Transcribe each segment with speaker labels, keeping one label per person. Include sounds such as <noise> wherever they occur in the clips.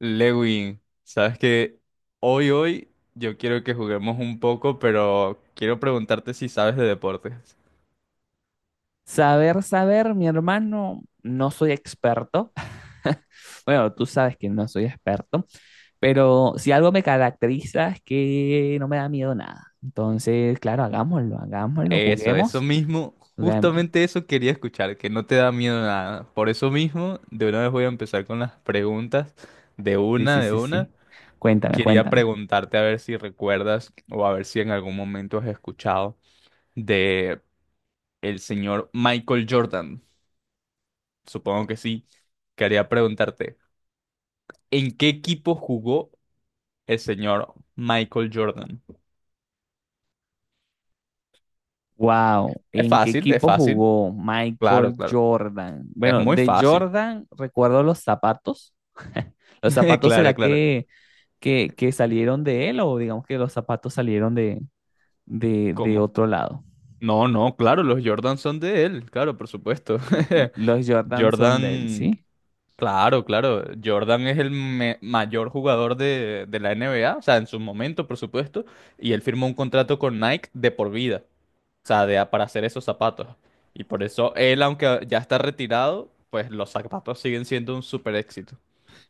Speaker 1: Lewin, sabes que hoy yo quiero que juguemos un poco, pero quiero preguntarte si sabes de deportes.
Speaker 2: Saber, saber, mi hermano, no soy experto. <laughs> Bueno, tú sabes que no soy experto, pero si algo me caracteriza es que no me da miedo nada. Entonces, claro, hagámoslo, hagámoslo,
Speaker 1: Eso
Speaker 2: juguemos,
Speaker 1: mismo,
Speaker 2: juguemos.
Speaker 1: justamente eso quería escuchar, que no te da miedo nada. Por eso mismo, de una vez voy a empezar con las preguntas, de
Speaker 2: Sí,
Speaker 1: una,
Speaker 2: sí,
Speaker 1: de
Speaker 2: sí,
Speaker 1: una.
Speaker 2: sí. Cuéntame,
Speaker 1: Quería
Speaker 2: cuéntame.
Speaker 1: preguntarte a ver si recuerdas o a ver si en algún momento has escuchado de el señor Michael Jordan. Supongo que sí. Quería preguntarte. ¿En qué equipo jugó el señor Michael Jordan?
Speaker 2: Wow,
Speaker 1: Es
Speaker 2: ¿en qué
Speaker 1: fácil, es
Speaker 2: equipo
Speaker 1: fácil.
Speaker 2: jugó
Speaker 1: Claro,
Speaker 2: Michael
Speaker 1: claro.
Speaker 2: Jordan?
Speaker 1: Es
Speaker 2: Bueno,
Speaker 1: muy
Speaker 2: de
Speaker 1: fácil.
Speaker 2: Jordan recuerdo los zapatos. <laughs> ¿Los
Speaker 1: <laughs>
Speaker 2: zapatos
Speaker 1: Claro,
Speaker 2: será
Speaker 1: claro.
Speaker 2: que salieron de él o digamos que los zapatos salieron de
Speaker 1: ¿Cómo?
Speaker 2: otro lado.
Speaker 1: No, no, claro, los Jordan son de él. Claro, por supuesto.
Speaker 2: Los
Speaker 1: <laughs>
Speaker 2: Jordan son de él,
Speaker 1: Jordan,
Speaker 2: ¿sí?
Speaker 1: claro, claro. Jordan es el mayor jugador de la NBA, o sea, en su momento, por supuesto. Y él firmó un contrato con Nike de por vida, o sea, de, para hacer esos zapatos. Y por eso él, aunque ya está retirado, pues los zapatos siguen siendo un super éxito.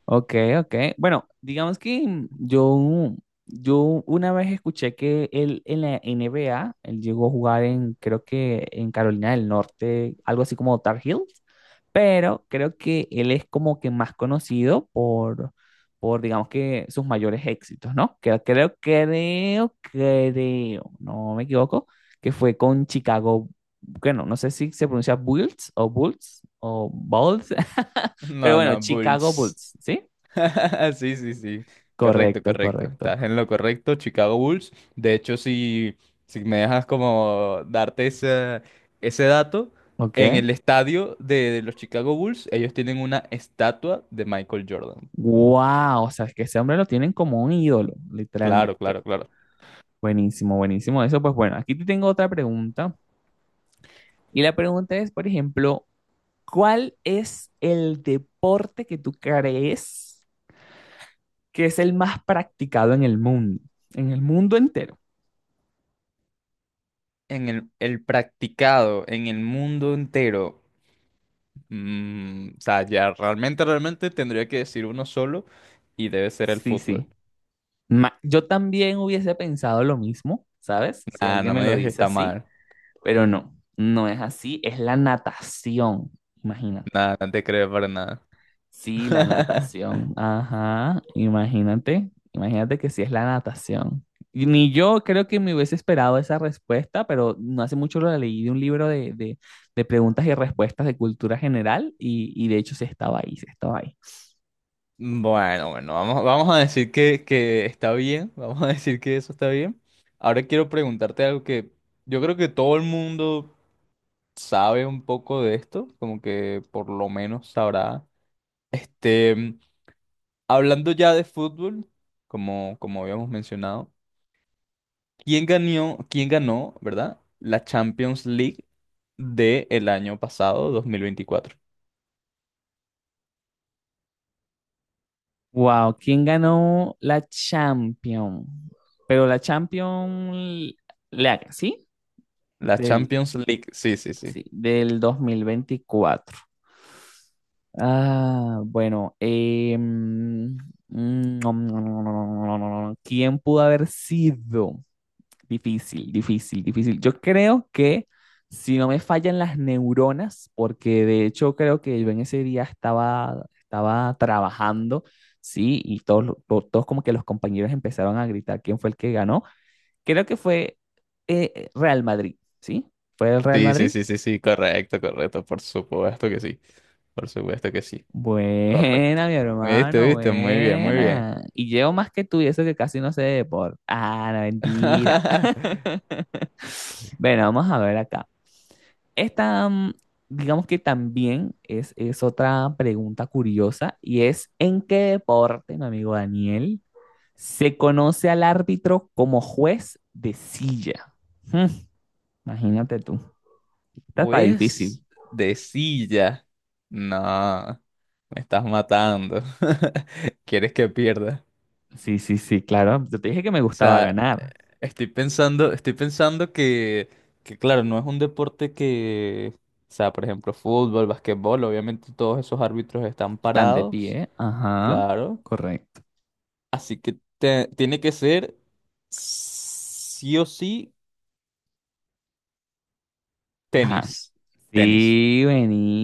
Speaker 2: Ok, ok. Bueno, digamos que yo una vez escuché que él en la NBA, él llegó a jugar en, creo que en Carolina del Norte, algo así como Tar Heels, pero creo que él es como que más conocido por digamos que sus mayores éxitos, ¿no? Creo, no me equivoco, que fue con Chicago. Bueno, no sé si se pronuncia Bulls o Bulls o Bulls, <laughs> pero
Speaker 1: No,
Speaker 2: bueno,
Speaker 1: no,
Speaker 2: Chicago
Speaker 1: Bulls.
Speaker 2: Bulls, ¿sí?
Speaker 1: <laughs> Sí, sí, sí. Correcto,
Speaker 2: Correcto,
Speaker 1: correcto.
Speaker 2: correcto.
Speaker 1: Estás en lo correcto, Chicago Bulls. De hecho, si, si me dejas como darte ese, ese dato, en
Speaker 2: Ok.
Speaker 1: el estadio de los Chicago Bulls, ellos tienen una estatua de Michael Jordan.
Speaker 2: Wow, o sea, es que ese hombre lo tienen como un ídolo,
Speaker 1: Claro,
Speaker 2: literalmente.
Speaker 1: claro, claro.
Speaker 2: Buenísimo, buenísimo. Eso, pues bueno, aquí te tengo otra pregunta. Y la pregunta es, por ejemplo, ¿cuál es el deporte que tú crees que es el más practicado en el mundo? En el mundo entero.
Speaker 1: En el practicado, en el mundo entero. O sea, ya realmente, realmente tendría que decir uno solo y debe ser el
Speaker 2: Sí, sí.
Speaker 1: fútbol.
Speaker 2: Yo también hubiese pensado lo mismo, ¿sabes? Si
Speaker 1: Ah,
Speaker 2: alguien
Speaker 1: no
Speaker 2: me
Speaker 1: me
Speaker 2: lo
Speaker 1: digas que
Speaker 2: dice
Speaker 1: está
Speaker 2: así,
Speaker 1: mal.
Speaker 2: pero no, no es así, es la natación, imagínate.
Speaker 1: Nada, no te creo para nada.
Speaker 2: Sí, la
Speaker 1: <laughs>
Speaker 2: natación. Ajá, imagínate, imagínate que sí es la natación. Y ni yo creo que me hubiese esperado esa respuesta, pero no hace mucho lo leí de un libro de preguntas y respuestas de cultura general y de hecho se estaba ahí, se estaba ahí.
Speaker 1: Bueno, bueno, vamos, vamos a decir que está bien, vamos a decir que eso está bien. Ahora quiero preguntarte algo que yo creo que todo el mundo sabe un poco de esto, como que por lo menos sabrá. Este, Hablando ya de fútbol, como, como habíamos mencionado, quién ganó, verdad, la Champions League del año pasado, 2024?
Speaker 2: Wow, ¿quién ganó la Champions? Pero la Champions League, ¿sí?
Speaker 1: La
Speaker 2: Del,
Speaker 1: Champions League, sí, sí, sí.
Speaker 2: Sí, del 2024. Ah, bueno, mm, <smacks lips> ¿quién pudo haber sido? Difícil, difícil, difícil. Yo creo que si no me fallan las neuronas, porque de hecho creo que yo en ese día estaba trabajando, sí, y todos, todos como que los compañeros empezaron a gritar quién fue el que ganó. Creo que fue Real Madrid, ¿sí? Fue el Real
Speaker 1: Sí, sí,
Speaker 2: Madrid.
Speaker 1: sí, sí, sí, correcto, correcto, por supuesto que sí, por supuesto que sí, correcto.
Speaker 2: Buena, mi
Speaker 1: Viste,
Speaker 2: hermano,
Speaker 1: viste, muy bien, muy bien.
Speaker 2: buena. Y llevo más que tú y eso que casi no sé de deporte. Ah, la mentira. <laughs>
Speaker 1: <laughs>
Speaker 2: Bueno, vamos a ver acá. Esta, digamos que también es otra pregunta curiosa y es, ¿en qué deporte, mi amigo Daniel, se conoce al árbitro como juez de silla? Hmm, imagínate tú. Esta está
Speaker 1: Pues
Speaker 2: difícil.
Speaker 1: de silla. No, me estás matando. <laughs> ¿Quieres que pierda?
Speaker 2: Sí, sí, sí, claro. Yo te dije que me
Speaker 1: O
Speaker 2: gustaba
Speaker 1: sea,
Speaker 2: ganar.
Speaker 1: estoy pensando que claro, no es un deporte que, o sea, por ejemplo, fútbol, basquetbol, obviamente todos esos árbitros están
Speaker 2: Están de
Speaker 1: parados,
Speaker 2: pie. Ajá,
Speaker 1: claro.
Speaker 2: correcto.
Speaker 1: Así que tiene que ser sí o sí
Speaker 2: Ajá,
Speaker 1: tenis. Tenis,
Speaker 2: sí,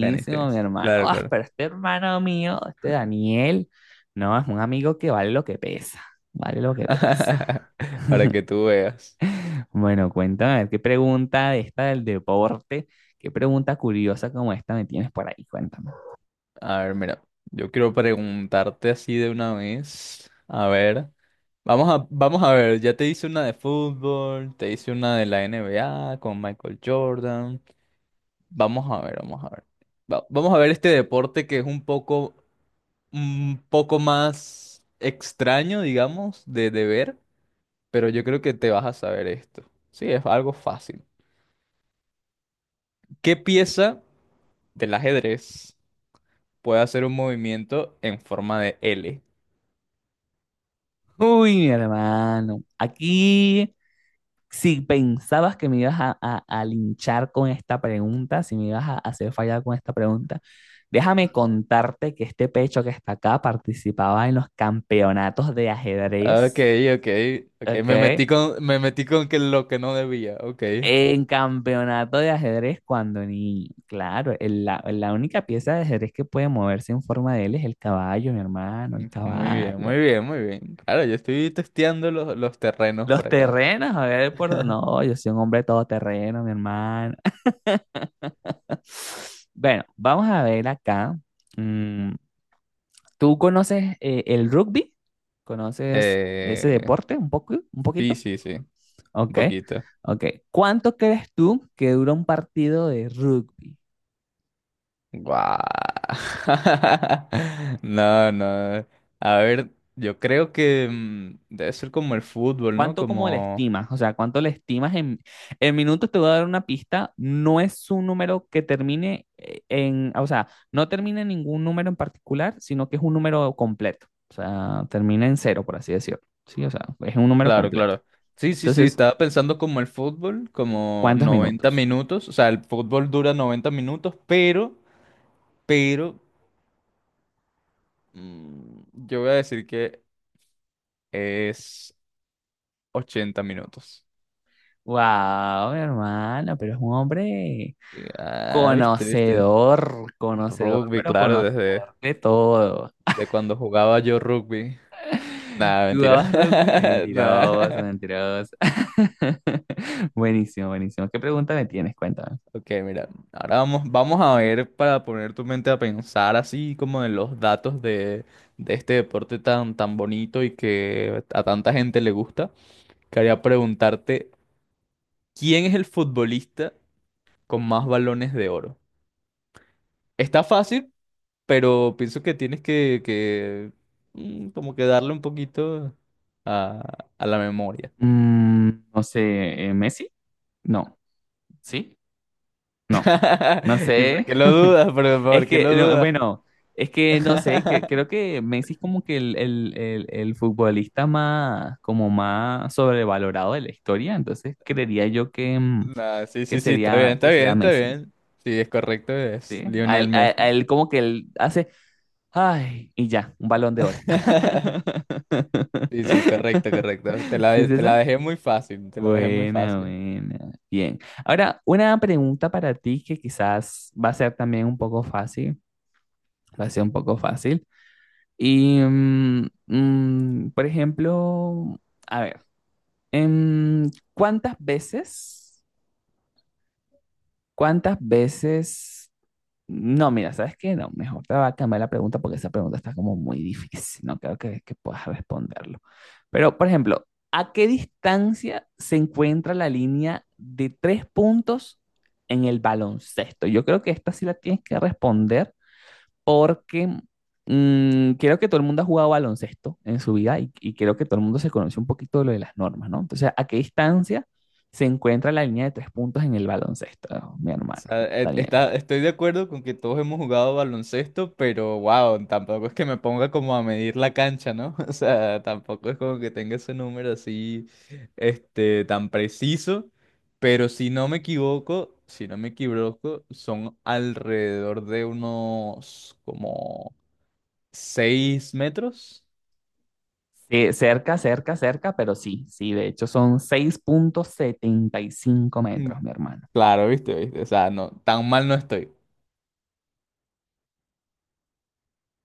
Speaker 1: tenis,
Speaker 2: mi
Speaker 1: tenis.
Speaker 2: hermano.
Speaker 1: Claro,
Speaker 2: Ah,
Speaker 1: claro.
Speaker 2: pero este hermano mío, este Daniel, no, es un amigo que vale lo que pesa, vale lo que pesa.
Speaker 1: <laughs> Para que tú veas.
Speaker 2: <laughs> Bueno, cuéntame, a ver, qué pregunta de esta del deporte, qué pregunta curiosa como esta me tienes por ahí, cuéntame.
Speaker 1: A ver, mira, yo quiero preguntarte así de una vez. A ver, vamos a, vamos a ver, ya te hice una de fútbol, te hice una de la NBA con Michael Jordan. Vamos a ver, vamos a ver. Vamos a ver este deporte que es un poco más extraño, digamos, de ver. Pero yo creo que te vas a saber esto. Sí, es algo fácil. ¿Qué pieza del ajedrez puede hacer un movimiento en forma de L?
Speaker 2: Uy, mi hermano, aquí si pensabas que me ibas a linchar con esta pregunta, si me ibas a hacer fallar con esta pregunta, déjame contarte que este pecho que está acá participaba en los campeonatos de
Speaker 1: Ok,
Speaker 2: ajedrez,
Speaker 1: ok, ok,
Speaker 2: ¿ok?
Speaker 1: me metí con que lo que no debía, ok.
Speaker 2: En campeonato de ajedrez cuando ni, claro, la única pieza de ajedrez que puede moverse en forma de L es el caballo, mi hermano, el
Speaker 1: Muy bien,
Speaker 2: caballo.
Speaker 1: muy bien, muy bien. Claro, yo estoy testeando los terrenos
Speaker 2: Los
Speaker 1: por acá.
Speaker 2: terrenos, a ver
Speaker 1: <laughs>
Speaker 2: no, yo soy un hombre todoterreno, mi hermano. Bueno, vamos a ver acá. Mm, ¿Tú conoces el rugby? ¿Conoces ese
Speaker 1: Eh,
Speaker 2: deporte un poco, un
Speaker 1: sí,
Speaker 2: poquito?
Speaker 1: sí, sí, un
Speaker 2: Ok,
Speaker 1: poquito.
Speaker 2: ok. ¿Cuánto crees tú que dura un partido de rugby?
Speaker 1: Guau. <laughs> No, no. A ver, yo creo que debe ser como el fútbol, ¿no?
Speaker 2: ¿Cuánto como le
Speaker 1: Como...
Speaker 2: estimas? O sea, ¿cuánto le estimas en minutos? Te voy a dar una pista. No es un número que termine o sea, no termina en ningún número en particular, sino que es un número completo. O sea, termina en cero, por así decirlo. Sí, o sea, es un número
Speaker 1: Claro,
Speaker 2: completo.
Speaker 1: claro. Sí, sí, sí,
Speaker 2: Entonces,
Speaker 1: estaba pensando como el fútbol, como
Speaker 2: ¿cuántos
Speaker 1: 90
Speaker 2: minutos?
Speaker 1: minutos. O sea, el fútbol dura 90 minutos, pero, yo voy a decir que es 80 minutos.
Speaker 2: Wow, mi hermano, pero es un hombre
Speaker 1: Y, ah, viste, viste.
Speaker 2: conocedor, conocedor,
Speaker 1: Rugby,
Speaker 2: pero
Speaker 1: claro, desde
Speaker 2: conocedor de todo.
Speaker 1: de cuando jugaba yo rugby. Nada, mentira.
Speaker 2: ¿Jugabas rugby?
Speaker 1: <laughs>
Speaker 2: Mentiroso,
Speaker 1: Nah.
Speaker 2: mentiroso. <laughs> Buenísimo, buenísimo. ¿Qué pregunta me tienes? Cuéntame.
Speaker 1: Ok, mira, ahora vamos, vamos a ver para poner tu mente a pensar así como en los datos de este deporte tan, tan bonito y que a tanta gente le gusta. Quería preguntarte, ¿quién es el futbolista con más balones de oro? Está fácil, pero pienso que tienes que, como que darle un poquito a la memoria.
Speaker 2: No sé, ¿Messi? No, ¿sí? No, no
Speaker 1: <laughs> ¿Y por
Speaker 2: sé.
Speaker 1: qué lo
Speaker 2: <laughs>
Speaker 1: dudas?
Speaker 2: Es
Speaker 1: Por qué
Speaker 2: que,
Speaker 1: lo
Speaker 2: no,
Speaker 1: dudas?
Speaker 2: bueno, es que no sé, que
Speaker 1: <laughs>
Speaker 2: creo que Messi es como que el futbolista más, como más sobrevalorado de la historia, entonces creería yo que,
Speaker 1: Nah, sí,
Speaker 2: que
Speaker 1: sí, sí, está bien,
Speaker 2: sería,
Speaker 1: está
Speaker 2: que
Speaker 1: bien,
Speaker 2: sería
Speaker 1: está
Speaker 2: Messi,
Speaker 1: bien. Sí, es correcto, es
Speaker 2: ¿sí? A
Speaker 1: Lionel
Speaker 2: él, a- a
Speaker 1: Messi.
Speaker 2: él como que él hace, ay, y ya, un balón de oro.
Speaker 1: <laughs> Sí, sí, correcto,
Speaker 2: <laughs>
Speaker 1: correcto.
Speaker 2: ¿Sí es
Speaker 1: Te la
Speaker 2: esa?
Speaker 1: dejé muy fácil, te la dejé muy
Speaker 2: Buena,
Speaker 1: fácil.
Speaker 2: buena. Bien. Ahora, una pregunta para ti que quizás va a ser también un poco fácil, va a ser un poco fácil. Y, por ejemplo, a ver, em, ¿cuántas veces, cuántas veces no, mira, ¿sabes qué? No, mejor te va a cambiar la pregunta porque esa pregunta está como muy difícil. No creo que puedas responderlo. Pero, por ejemplo, ¿a qué distancia se encuentra la línea de tres puntos en el baloncesto? Yo creo que esta sí la tienes que responder porque creo que todo el mundo ha jugado baloncesto en su vida y creo que todo el mundo se conoce un poquito de lo de las normas, ¿no? Entonces, ¿a qué distancia se encuentra la línea de tres puntos en el baloncesto, mi
Speaker 1: O
Speaker 2: hermano
Speaker 1: sea,
Speaker 2: Daniel?
Speaker 1: está, estoy de acuerdo con que todos hemos jugado baloncesto, pero wow, tampoco es que me ponga como a medir la cancha, ¿no? <laughs> O sea, tampoco es como que tenga ese número así, este, tan preciso. Pero si no me equivoco, si no me equivoco, son alrededor de unos como 6 metros.
Speaker 2: Sí, cerca, cerca, cerca, pero sí, sí, de hecho son seis punto setenta y cinco
Speaker 1: Mm,
Speaker 2: metros, mi hermano.
Speaker 1: Claro, viste, viste. O sea, no, tan mal no estoy.